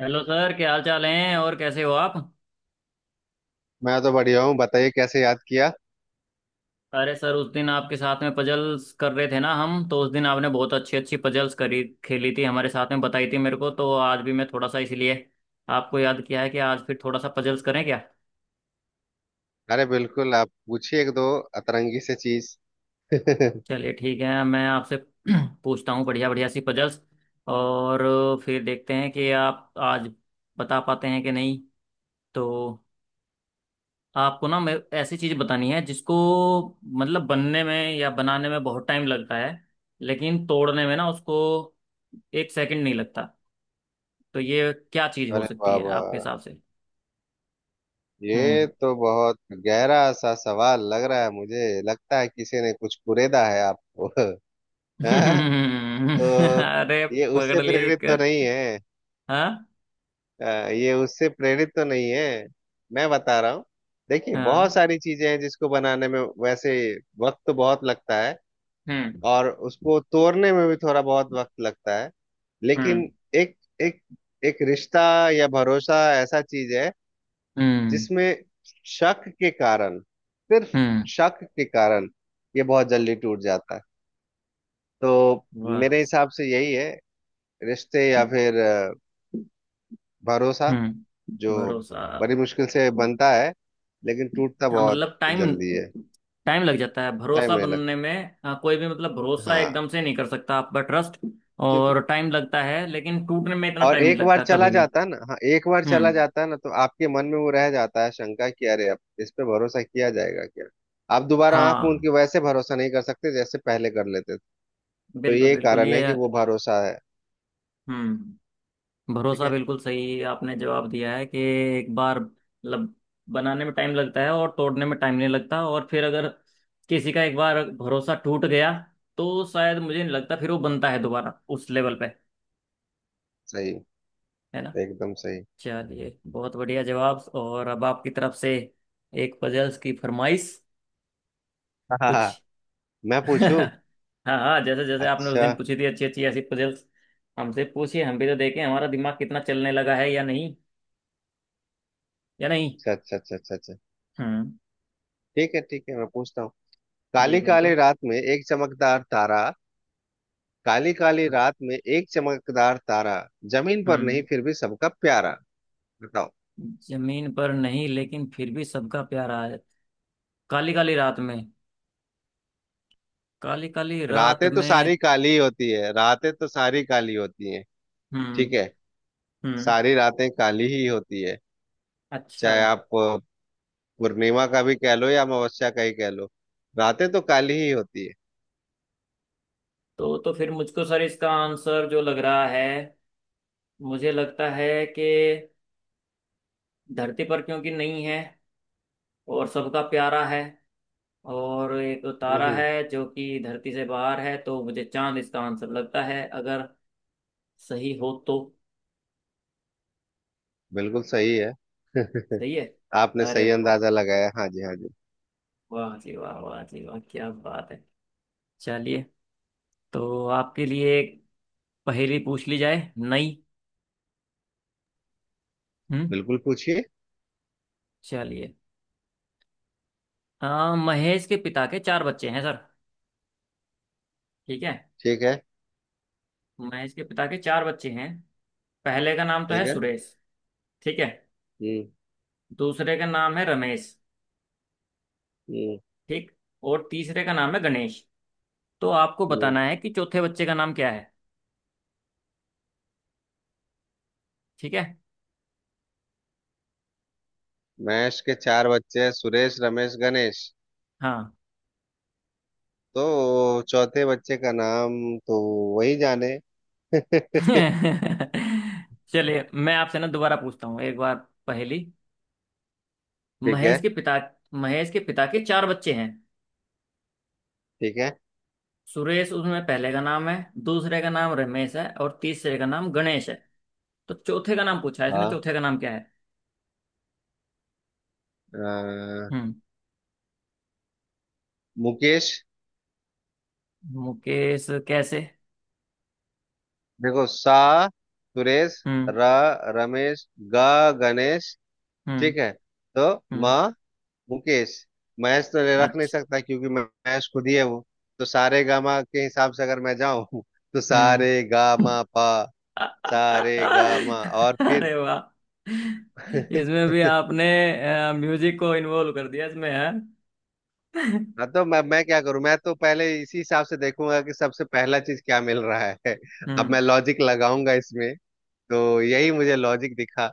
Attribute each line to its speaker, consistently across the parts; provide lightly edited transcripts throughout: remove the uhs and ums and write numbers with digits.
Speaker 1: Hello sir, क्या हाल चाल हैं और कैसे हो आप?
Speaker 2: मैं तो बढ़िया हूँ। बताइए, कैसे याद किया।
Speaker 1: अरे सर, उस दिन आपके साथ में पजल्स कर रहे थे ना, हम तो उस दिन आपने बहुत अच्छी अच्छी पजल्स करी खेली थी हमारे साथ में, बताई थी मेरे को, तो आज भी मैं थोड़ा सा इसलिए आपको याद किया है कि आज फिर थोड़ा सा पजल्स करें क्या?
Speaker 2: अरे बिल्कुल, आप पूछिए एक दो अतरंगी से चीज। अरे
Speaker 1: चलिए ठीक है, मैं आपसे पूछता हूँ बढ़िया बढ़िया सी पजल्स, और फिर देखते हैं कि आप आज बता पाते हैं कि नहीं। तो आपको ना मैं ऐसी चीज बतानी है जिसको, मतलब, बनने में या बनाने में बहुत टाइम लगता है, लेकिन तोड़ने में ना उसको एक सेकंड नहीं लगता। तो ये क्या चीज हो सकती है
Speaker 2: बाबा,
Speaker 1: आपके हिसाब से?
Speaker 2: ये
Speaker 1: हम्म।
Speaker 2: तो बहुत गहरा सा सवाल लग रहा है। मुझे लगता है किसी ने कुछ कुरेदा है आपको। हाँ? तो
Speaker 1: अरे।
Speaker 2: ये
Speaker 1: पकड़
Speaker 2: उससे
Speaker 1: लिए
Speaker 2: प्रेरित तो नहीं
Speaker 1: दिक्कत।
Speaker 2: है।
Speaker 1: हाँ
Speaker 2: ये उससे प्रेरित तो नहीं है, मैं बता रहा हूँ। देखिए,
Speaker 1: हाँ।
Speaker 2: बहुत सारी चीजें हैं जिसको बनाने में वैसे वक्त तो बहुत लगता है,
Speaker 1: हम्म।
Speaker 2: और उसको तोड़ने में भी थोड़ा बहुत वक्त लगता है।
Speaker 1: हम्म।
Speaker 2: लेकिन एक एक एक रिश्ता या भरोसा ऐसा चीज है
Speaker 1: हम्म।
Speaker 2: जिसमें शक के कारण, सिर्फ
Speaker 1: हम्म।
Speaker 2: शक के कारण, ये बहुत जल्दी टूट जाता है। तो
Speaker 1: वाह।
Speaker 2: मेरे हिसाब से यही है। रिश्ते या फिर भरोसा,
Speaker 1: हम्म।
Speaker 2: जो
Speaker 1: भरोसा।
Speaker 2: बड़ी मुश्किल से बनता है लेकिन टूटता
Speaker 1: हाँ,
Speaker 2: बहुत
Speaker 1: मतलब टाइम।
Speaker 2: जल्दी है।
Speaker 1: टाइम लग जाता है
Speaker 2: टाइम
Speaker 1: भरोसा
Speaker 2: नहीं लगता।
Speaker 1: बनने में। हाँ, कोई भी मतलब भरोसा
Speaker 2: हाँ।
Speaker 1: एकदम से नहीं कर सकता, आपका ट्रस्ट।
Speaker 2: क्योंकि
Speaker 1: और टाइम लगता है, लेकिन टूटने में इतना
Speaker 2: और
Speaker 1: टाइम नहीं
Speaker 2: एक बार
Speaker 1: लगता
Speaker 2: चला
Speaker 1: कभी भी।
Speaker 2: जाता है ना, हाँ एक बार चला
Speaker 1: हम्म।
Speaker 2: जाता है ना, तो आपके मन में वो रह जाता है शंका कि अरे, अब इस पे भरोसा किया जाएगा क्या। आप दोबारा आंख मूंद
Speaker 1: हाँ,
Speaker 2: के वैसे भरोसा नहीं कर सकते जैसे पहले कर लेते थे। तो
Speaker 1: बिल्कुल
Speaker 2: ये
Speaker 1: बिल्कुल
Speaker 2: कारण है
Speaker 1: ये।
Speaker 2: कि वो भरोसा है।
Speaker 1: हम्म।
Speaker 2: ठीक
Speaker 1: भरोसा
Speaker 2: है।
Speaker 1: बिल्कुल सही आपने जवाब दिया है कि एक बार मतलब बनाने में टाइम लगता है और तोड़ने में टाइम नहीं लगता। और फिर अगर किसी का एक बार भरोसा टूट गया, तो शायद मुझे नहीं लगता फिर वो बनता है दोबारा उस लेवल पे,
Speaker 2: सही।
Speaker 1: है ना?
Speaker 2: एकदम सही।
Speaker 1: चलिए बहुत बढ़िया जवाब। और अब आपकी तरफ से एक पजल्स की फरमाइश
Speaker 2: हाँ हाँ,
Speaker 1: कुछ।
Speaker 2: हाँ, मैं पूछूं?
Speaker 1: हाँ हाँ, जैसे जैसे आपने उस
Speaker 2: अच्छा
Speaker 1: दिन पूछी थी अच्छी अच्छी ऐसी पजल्स, हमसे पूछिए। हम भी तो देखें हमारा दिमाग कितना चलने लगा है या नहीं, या नहीं।
Speaker 2: अच्छा अच्छा अच्छा अच्छा अच्छा।
Speaker 1: हम्म।
Speaker 2: ठीक है ठीक है, मैं पूछता हूँ।
Speaker 1: जी
Speaker 2: काली काली
Speaker 1: बिल्कुल।
Speaker 2: रात में एक चमकदार तारा। काली काली रात में एक चमकदार तारा, जमीन पर नहीं
Speaker 1: हम्म।
Speaker 2: फिर भी सबका प्यारा। बताओ।
Speaker 1: जमीन पर नहीं, लेकिन फिर भी सबका प्यारा है। काली काली रात में। काली काली रात
Speaker 2: रातें तो
Speaker 1: में।
Speaker 2: सारी काली होती है, रातें तो सारी काली होती हैं। ठीक
Speaker 1: हम्म।
Speaker 2: है।
Speaker 1: हम्म।
Speaker 2: सारी रातें काली ही होती है।
Speaker 1: अच्छा।
Speaker 2: चाहे आप पूर्णिमा का भी कह लो या अमावस्या का ही कह लो, रातें तो काली ही होती है।
Speaker 1: तो फिर मुझको सर इसका आंसर जो लग रहा है, मुझे लगता है कि धरती पर क्योंकि नहीं है, और सबका प्यारा है, और एक तारा
Speaker 2: हम्म।
Speaker 1: है जो कि धरती से बाहर है, तो मुझे चांद इसका आंसर लगता है, अगर सही हो तो।
Speaker 2: बिल्कुल सही है।
Speaker 1: सही है।
Speaker 2: आपने
Speaker 1: अरे
Speaker 2: सही
Speaker 1: वाह!
Speaker 2: अंदाजा लगाया। हाँ जी हाँ जी।
Speaker 1: वाह जी वाह, वाह जी वाह, क्या बात है! चलिए, तो आपके लिए एक पहेली पूछ ली जाए नई। हम्म।
Speaker 2: बिल्कुल पूछिए।
Speaker 1: चलिए। महेश के पिता के चार बच्चे हैं सर। ठीक है।
Speaker 2: ठीक है
Speaker 1: महेश के पिता के चार बच्चे हैं। पहले का नाम तो है
Speaker 2: ठीक है।
Speaker 1: सुरेश। ठीक है।
Speaker 2: हम्म
Speaker 1: दूसरे का नाम है रमेश।
Speaker 2: हम्म
Speaker 1: ठीक। और तीसरे का नाम है गणेश। तो आपको
Speaker 2: हम्म।
Speaker 1: बताना है कि चौथे बच्चे का नाम क्या है। ठीक है।
Speaker 2: महेश के चार बच्चे हैं, सुरेश, रमेश, गणेश।
Speaker 1: हाँ।
Speaker 2: तो चौथे बच्चे का नाम, तो वही जाने। ठीक
Speaker 1: चलिए, मैं आपसे ना दोबारा पूछता हूँ एक बार पहेली।
Speaker 2: है
Speaker 1: महेश के पिता महेश के पिता के चार बच्चे हैं।
Speaker 2: ठीक है।
Speaker 1: सुरेश उसमें पहले का नाम है, दूसरे का नाम रमेश है, और तीसरे का नाम गणेश है। तो चौथे का नाम पूछा है इसने।
Speaker 2: हाँ।
Speaker 1: चौथे का नाम क्या है?
Speaker 2: अ,
Speaker 1: हम्म।
Speaker 2: मुकेश।
Speaker 1: मुकेश कैसे?
Speaker 2: देखो सा, सुरेश,
Speaker 1: हम्म।
Speaker 2: र, रमेश, ग, गणेश।
Speaker 1: हम्म।
Speaker 2: ठीक है। तो म,
Speaker 1: हम्म।
Speaker 2: मुकेश। महेश तो रख नहीं
Speaker 1: अच्छा।
Speaker 2: सकता क्योंकि महेश खुद ही है वो। तो सारे गामा के हिसाब से अगर मैं जाऊं, तो
Speaker 1: हम्म।
Speaker 2: सारे गामा पा, सारे गामा, और फिर
Speaker 1: अरे वाह! इसमें भी आपने म्यूजिक को इन्वॉल्व कर दिया इसमें है। हम्म।
Speaker 2: हाँ, तो मैं क्या करूं? मैं तो पहले इसी हिसाब से देखूंगा कि सबसे पहला चीज क्या मिल रहा है। अब मैं लॉजिक लगाऊंगा इसमें, तो यही मुझे लॉजिक दिखा।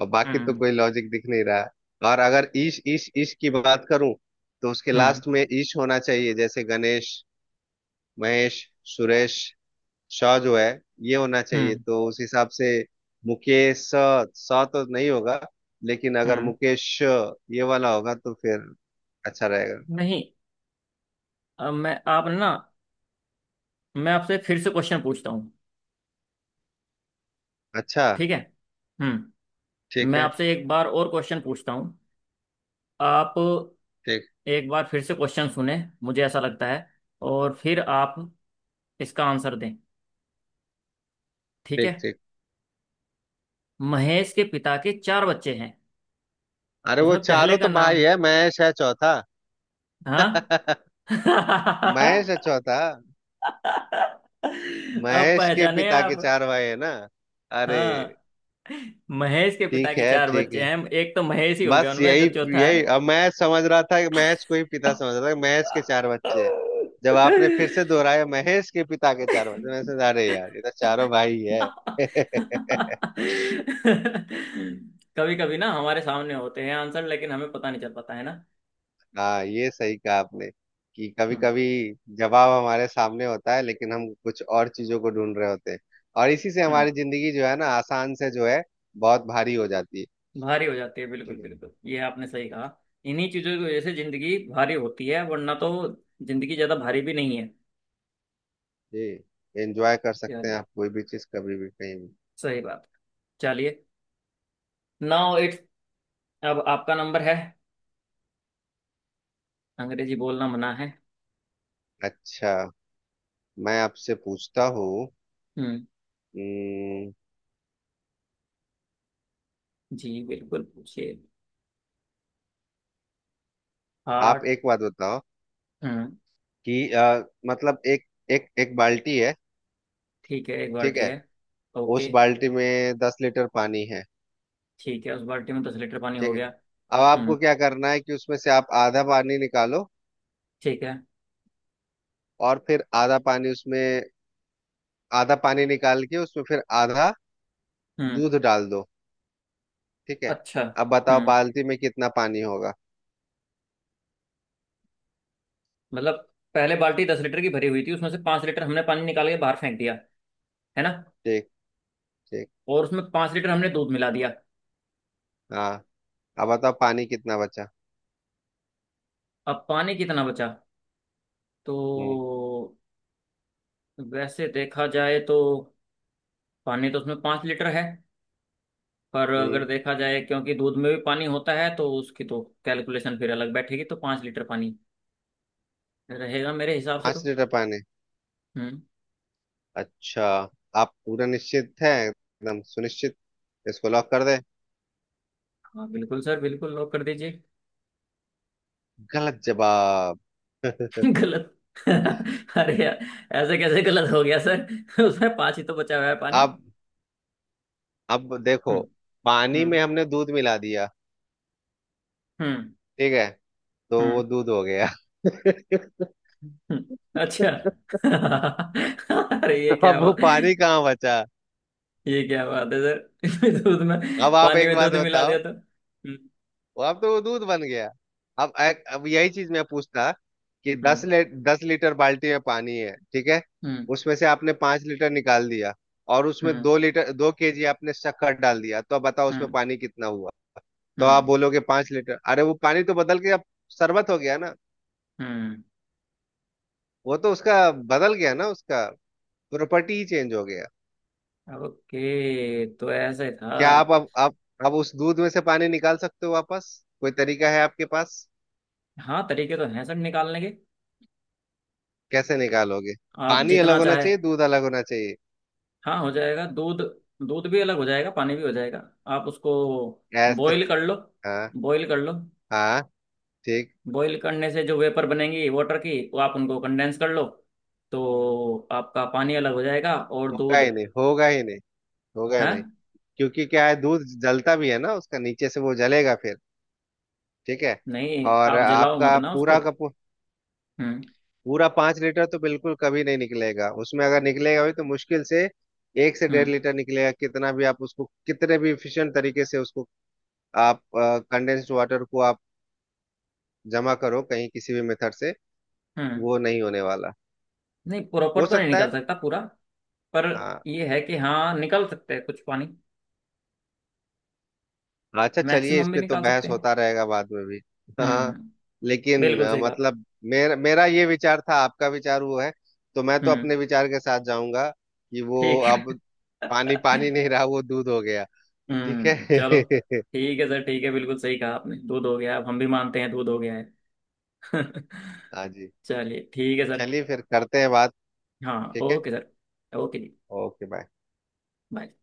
Speaker 2: और बाकी तो
Speaker 1: हम्म।
Speaker 2: कोई लॉजिक दिख नहीं रहा है। और अगर ईश ईश ईश की बात करूं, तो उसके
Speaker 1: हम्म।
Speaker 2: लास्ट में ईश होना चाहिए, जैसे गणेश, महेश, सुरेश। शौ जो है, ये होना चाहिए।
Speaker 1: हम्म।
Speaker 2: तो उस हिसाब से मुकेश स, स तो नहीं होगा, लेकिन अगर
Speaker 1: हम्म।
Speaker 2: मुकेश श, ये वाला होगा, तो फिर अच्छा रहेगा।
Speaker 1: नहीं। मैं आप ना मैं आपसे फिर से क्वेश्चन पूछता हूँ।
Speaker 2: अच्छा
Speaker 1: ठीक है। हम्म।
Speaker 2: ठीक
Speaker 1: मैं
Speaker 2: है।
Speaker 1: आपसे एक बार और क्वेश्चन पूछता हूँ। आप
Speaker 2: ठीक
Speaker 1: एक बार फिर से क्वेश्चन सुने, मुझे ऐसा लगता है, और फिर आप इसका आंसर दें। ठीक
Speaker 2: ठीक
Speaker 1: है।
Speaker 2: ठीक।
Speaker 1: महेश के पिता के चार बच्चे हैं,
Speaker 2: अरे वो
Speaker 1: उसमें पहले
Speaker 2: चारों
Speaker 1: का
Speaker 2: तो
Speaker 1: नाम
Speaker 2: भाई
Speaker 1: है।
Speaker 2: है, महेश है चौथा।
Speaker 1: हाँ।
Speaker 2: महेश है चौथा,
Speaker 1: अब
Speaker 2: महेश के
Speaker 1: पहचाने
Speaker 2: पिता के
Speaker 1: आप।
Speaker 2: चार भाई है ना। अरे।
Speaker 1: हाँ, महेश के पिता
Speaker 2: ठीक
Speaker 1: के
Speaker 2: है
Speaker 1: चार
Speaker 2: ठीक
Speaker 1: बच्चे
Speaker 2: है।
Speaker 1: हैं, एक तो महेश ही हो गया,
Speaker 2: बस
Speaker 1: उनमें जो
Speaker 2: यही,
Speaker 1: चौथा है।
Speaker 2: यही अब मैं समझ रहा था कि महेश को ही पिता समझ रहा था कि महेश के चार बच्चे हैं। जब आपने फिर से दोहराया महेश के पिता के चार बच्चे, मैं सोचा अरे यार, ये तो चारों भाई है।
Speaker 1: कभी कभी ना हमारे सामने होते हैं आंसर, लेकिन हमें पता नहीं चल पाता, है ना?
Speaker 2: हाँ, ये सही कहा आपने कि कभी
Speaker 1: हम्म।
Speaker 2: कभी जवाब हमारे सामने होता है, लेकिन हम कुछ और चीजों को ढूंढ रहे होते हैं, और इसी से
Speaker 1: हम्म।
Speaker 2: हमारी जिंदगी जो है ना आसान से जो है, बहुत भारी हो जाती है।
Speaker 1: भारी हो जाती है, बिल्कुल
Speaker 2: ठीक है।
Speaker 1: बिल्कुल ये आपने सही कहा। इन्हीं चीजों की वजह से जिंदगी भारी होती है, वरना तो जिंदगी ज्यादा भारी भी नहीं है।
Speaker 2: जी। एंजॉय कर सकते हैं
Speaker 1: चलिए।
Speaker 2: आप, कोई भी चीज कभी भी कहीं भी।
Speaker 1: सही बात। चलिए। नाउ इट्स, अब आपका नंबर है। अंग्रेजी बोलना मना है।
Speaker 2: अच्छा, मैं आपसे पूछता हूँ।
Speaker 1: हम्म।
Speaker 2: अम,
Speaker 1: जी बिल्कुल पूछिए।
Speaker 2: आप
Speaker 1: हार्ट।
Speaker 2: एक बात बताओ
Speaker 1: हम्म।
Speaker 2: कि मतलब एक एक एक बाल्टी है।
Speaker 1: ठीक है, एक
Speaker 2: ठीक
Speaker 1: बाल्टी
Speaker 2: है।
Speaker 1: है।
Speaker 2: उस
Speaker 1: ओके।
Speaker 2: बाल्टी में 10 लीटर पानी है।
Speaker 1: ठीक है। उस बाल्टी में 10 लीटर पानी हो
Speaker 2: ठीक है।
Speaker 1: गया।
Speaker 2: अब
Speaker 1: हम्म।
Speaker 2: आपको क्या करना है कि उसमें से आप आधा पानी निकालो,
Speaker 1: ठीक है।
Speaker 2: और फिर आधा पानी उसमें, आधा पानी निकाल के उसमें फिर आधा
Speaker 1: हम्म।
Speaker 2: दूध डाल दो। ठीक है।
Speaker 1: अच्छा।
Speaker 2: अब बताओ
Speaker 1: हम्म।
Speaker 2: बाल्टी में कितना पानी होगा?
Speaker 1: मतलब पहले बाल्टी 10 लीटर की भरी हुई थी, उसमें से 5 लीटर हमने पानी निकाल के बाहर फेंक दिया, है ना?
Speaker 2: ठीक ठीक।
Speaker 1: और उसमें 5 लीटर हमने दूध मिला दिया।
Speaker 2: हाँ। अब बताओ पानी कितना बचा?
Speaker 1: अब पानी कितना बचा? तो
Speaker 2: हम्म
Speaker 1: वैसे देखा जाए तो पानी तो उसमें पांच लीटर है, पर
Speaker 2: हम्म।
Speaker 1: अगर देखा जाए क्योंकि दूध में भी पानी होता है तो उसकी तो कैलकुलेशन फिर अलग बैठेगी, तो 5 लीटर पानी रहेगा मेरे हिसाब से तो।
Speaker 2: 5 लीटर पानी?
Speaker 1: हम्म।
Speaker 2: अच्छा। आप पूरा निश्चित हैं, एकदम सुनिश्चित, इसको लॉक कर दे?
Speaker 1: हाँ बिल्कुल सर, बिल्कुल लॉक कर दीजिए।
Speaker 2: गलत जवाब।
Speaker 1: गलत! अरे यार, ऐसे कैसे गलत हो गया सर? उसमें पांच ही तो बचा हुआ है पानी।
Speaker 2: अब अब देखो,
Speaker 1: हम्म।
Speaker 2: पानी
Speaker 1: हम्म।
Speaker 2: में हमने दूध मिला दिया,
Speaker 1: हम्म।
Speaker 2: ठीक है, तो वो
Speaker 1: हम्म।
Speaker 2: दूध हो गया।
Speaker 1: हम्म, हम्म। अच्छा। अरे ये क्या
Speaker 2: अब वो
Speaker 1: हुआ?
Speaker 2: पानी कहाँ बचा?
Speaker 1: ये क्या बात है सर? इसमें दूध में,
Speaker 2: अब आप
Speaker 1: पानी
Speaker 2: एक
Speaker 1: में
Speaker 2: बात
Speaker 1: दूध मिला
Speaker 2: बताओ,
Speaker 1: दिया तो। हम्म।
Speaker 2: वो अब तो वो दूध बन गया। अब अब यही चीज मैं पूछता कि
Speaker 1: हम्म।
Speaker 2: 10 लीटर बाल्टी में पानी है, ठीक है,
Speaker 1: हम्म।
Speaker 2: उसमें से आपने 5 लीटर निकाल दिया, और उसमें
Speaker 1: हम्म।
Speaker 2: 2 लीटर 2 केजी आपने शक्कर डाल दिया, तो अब बताओ उसमें
Speaker 1: हम्म।
Speaker 2: पानी कितना हुआ? तो
Speaker 1: हम्म।
Speaker 2: आप बोलोगे 5 लीटर। अरे, वो पानी तो बदल के अब शरबत हो गया ना।
Speaker 1: हम्म,
Speaker 2: वो तो उसका बदल गया ना, उसका प्रॉपर्टी ही चेंज हो गया।
Speaker 1: ओके तो ऐसे था।
Speaker 2: क्या आप अब उस दूध में से पानी निकाल सकते हो वापस? कोई तरीका है आपके पास?
Speaker 1: हाँ, तरीके तो हैं सर निकालने के।
Speaker 2: कैसे निकालोगे?
Speaker 1: आप
Speaker 2: पानी
Speaker 1: जितना
Speaker 2: अलग होना
Speaker 1: चाहे।
Speaker 2: चाहिए, दूध अलग होना चाहिए।
Speaker 1: हाँ हो जाएगा दूध। दूध भी अलग हो जाएगा, पानी भी हो जाएगा। आप उसको
Speaker 2: ऐसे?
Speaker 1: बॉईल कर लो।
Speaker 2: हाँ,
Speaker 1: बॉईल कर लो।
Speaker 2: हाँ। ठीक।
Speaker 1: बॉईल करने से जो वेपर बनेंगी वाटर की, वो आप उनको कंडेंस कर लो। तो आपका पानी अलग हो जाएगा, और
Speaker 2: होगा
Speaker 1: दूध
Speaker 2: ही नहीं, होगा ही नहीं, होगा ही
Speaker 1: है।
Speaker 2: नहीं। क्योंकि क्या है, दूध जलता भी है ना, उसका नीचे से वो जलेगा फिर। ठीक है।
Speaker 1: नहीं,
Speaker 2: और
Speaker 1: आप जलाओ मत
Speaker 2: आपका
Speaker 1: ना उसको।
Speaker 2: पूरा का
Speaker 1: हम्म।
Speaker 2: पूरा 5 लीटर तो बिल्कुल कभी नहीं निकलेगा उसमें। अगर निकलेगा भी तो मुश्किल से एक से डेढ़
Speaker 1: हम्म।
Speaker 2: लीटर निकलेगा। कितना भी आप उसको, कितने भी इफिशिएंट तरीके से उसको, आप कंडेंस्ड वाटर को आप जमा करो कहीं किसी भी मेथड से,
Speaker 1: हम्म।
Speaker 2: वो नहीं होने वाला।
Speaker 1: नहीं प्रॉपर
Speaker 2: हो
Speaker 1: तो नहीं
Speaker 2: सकता है।
Speaker 1: निकल सकता पूरा, पर
Speaker 2: हाँ।
Speaker 1: ये है कि हाँ निकल सकते हैं कुछ पानी।
Speaker 2: अच्छा, चलिए, इस
Speaker 1: मैक्सिमम भी
Speaker 2: पे तो
Speaker 1: निकाल
Speaker 2: बहस
Speaker 1: सकते हैं।
Speaker 2: होता रहेगा बाद में भी।
Speaker 1: हम्म।
Speaker 2: हाँ।
Speaker 1: हम्म।
Speaker 2: लेकिन
Speaker 1: बिल्कुल सही बात।
Speaker 2: मतलब मेरा, मेरा ये विचार था, आपका विचार वो है। तो मैं तो
Speaker 1: हम्म।
Speaker 2: अपने विचार के साथ जाऊंगा कि वो
Speaker 1: ठीक है।
Speaker 2: अब पानी पानी नहीं रहा, वो दूध हो गया। ठीक
Speaker 1: हम्म, चलो।
Speaker 2: है।
Speaker 1: ठीक है सर, ठीक है। बिल्कुल सही कहा आपने दूध हो गया, अब हम भी मानते हैं दूध हो गया है।
Speaker 2: हाँ जी।
Speaker 1: चलिए ठीक है सर।
Speaker 2: चलिए फिर करते हैं बात।
Speaker 1: हाँ
Speaker 2: ठीक है।
Speaker 1: ओके सर, ओके जी।
Speaker 2: Okay bye.
Speaker 1: बाय।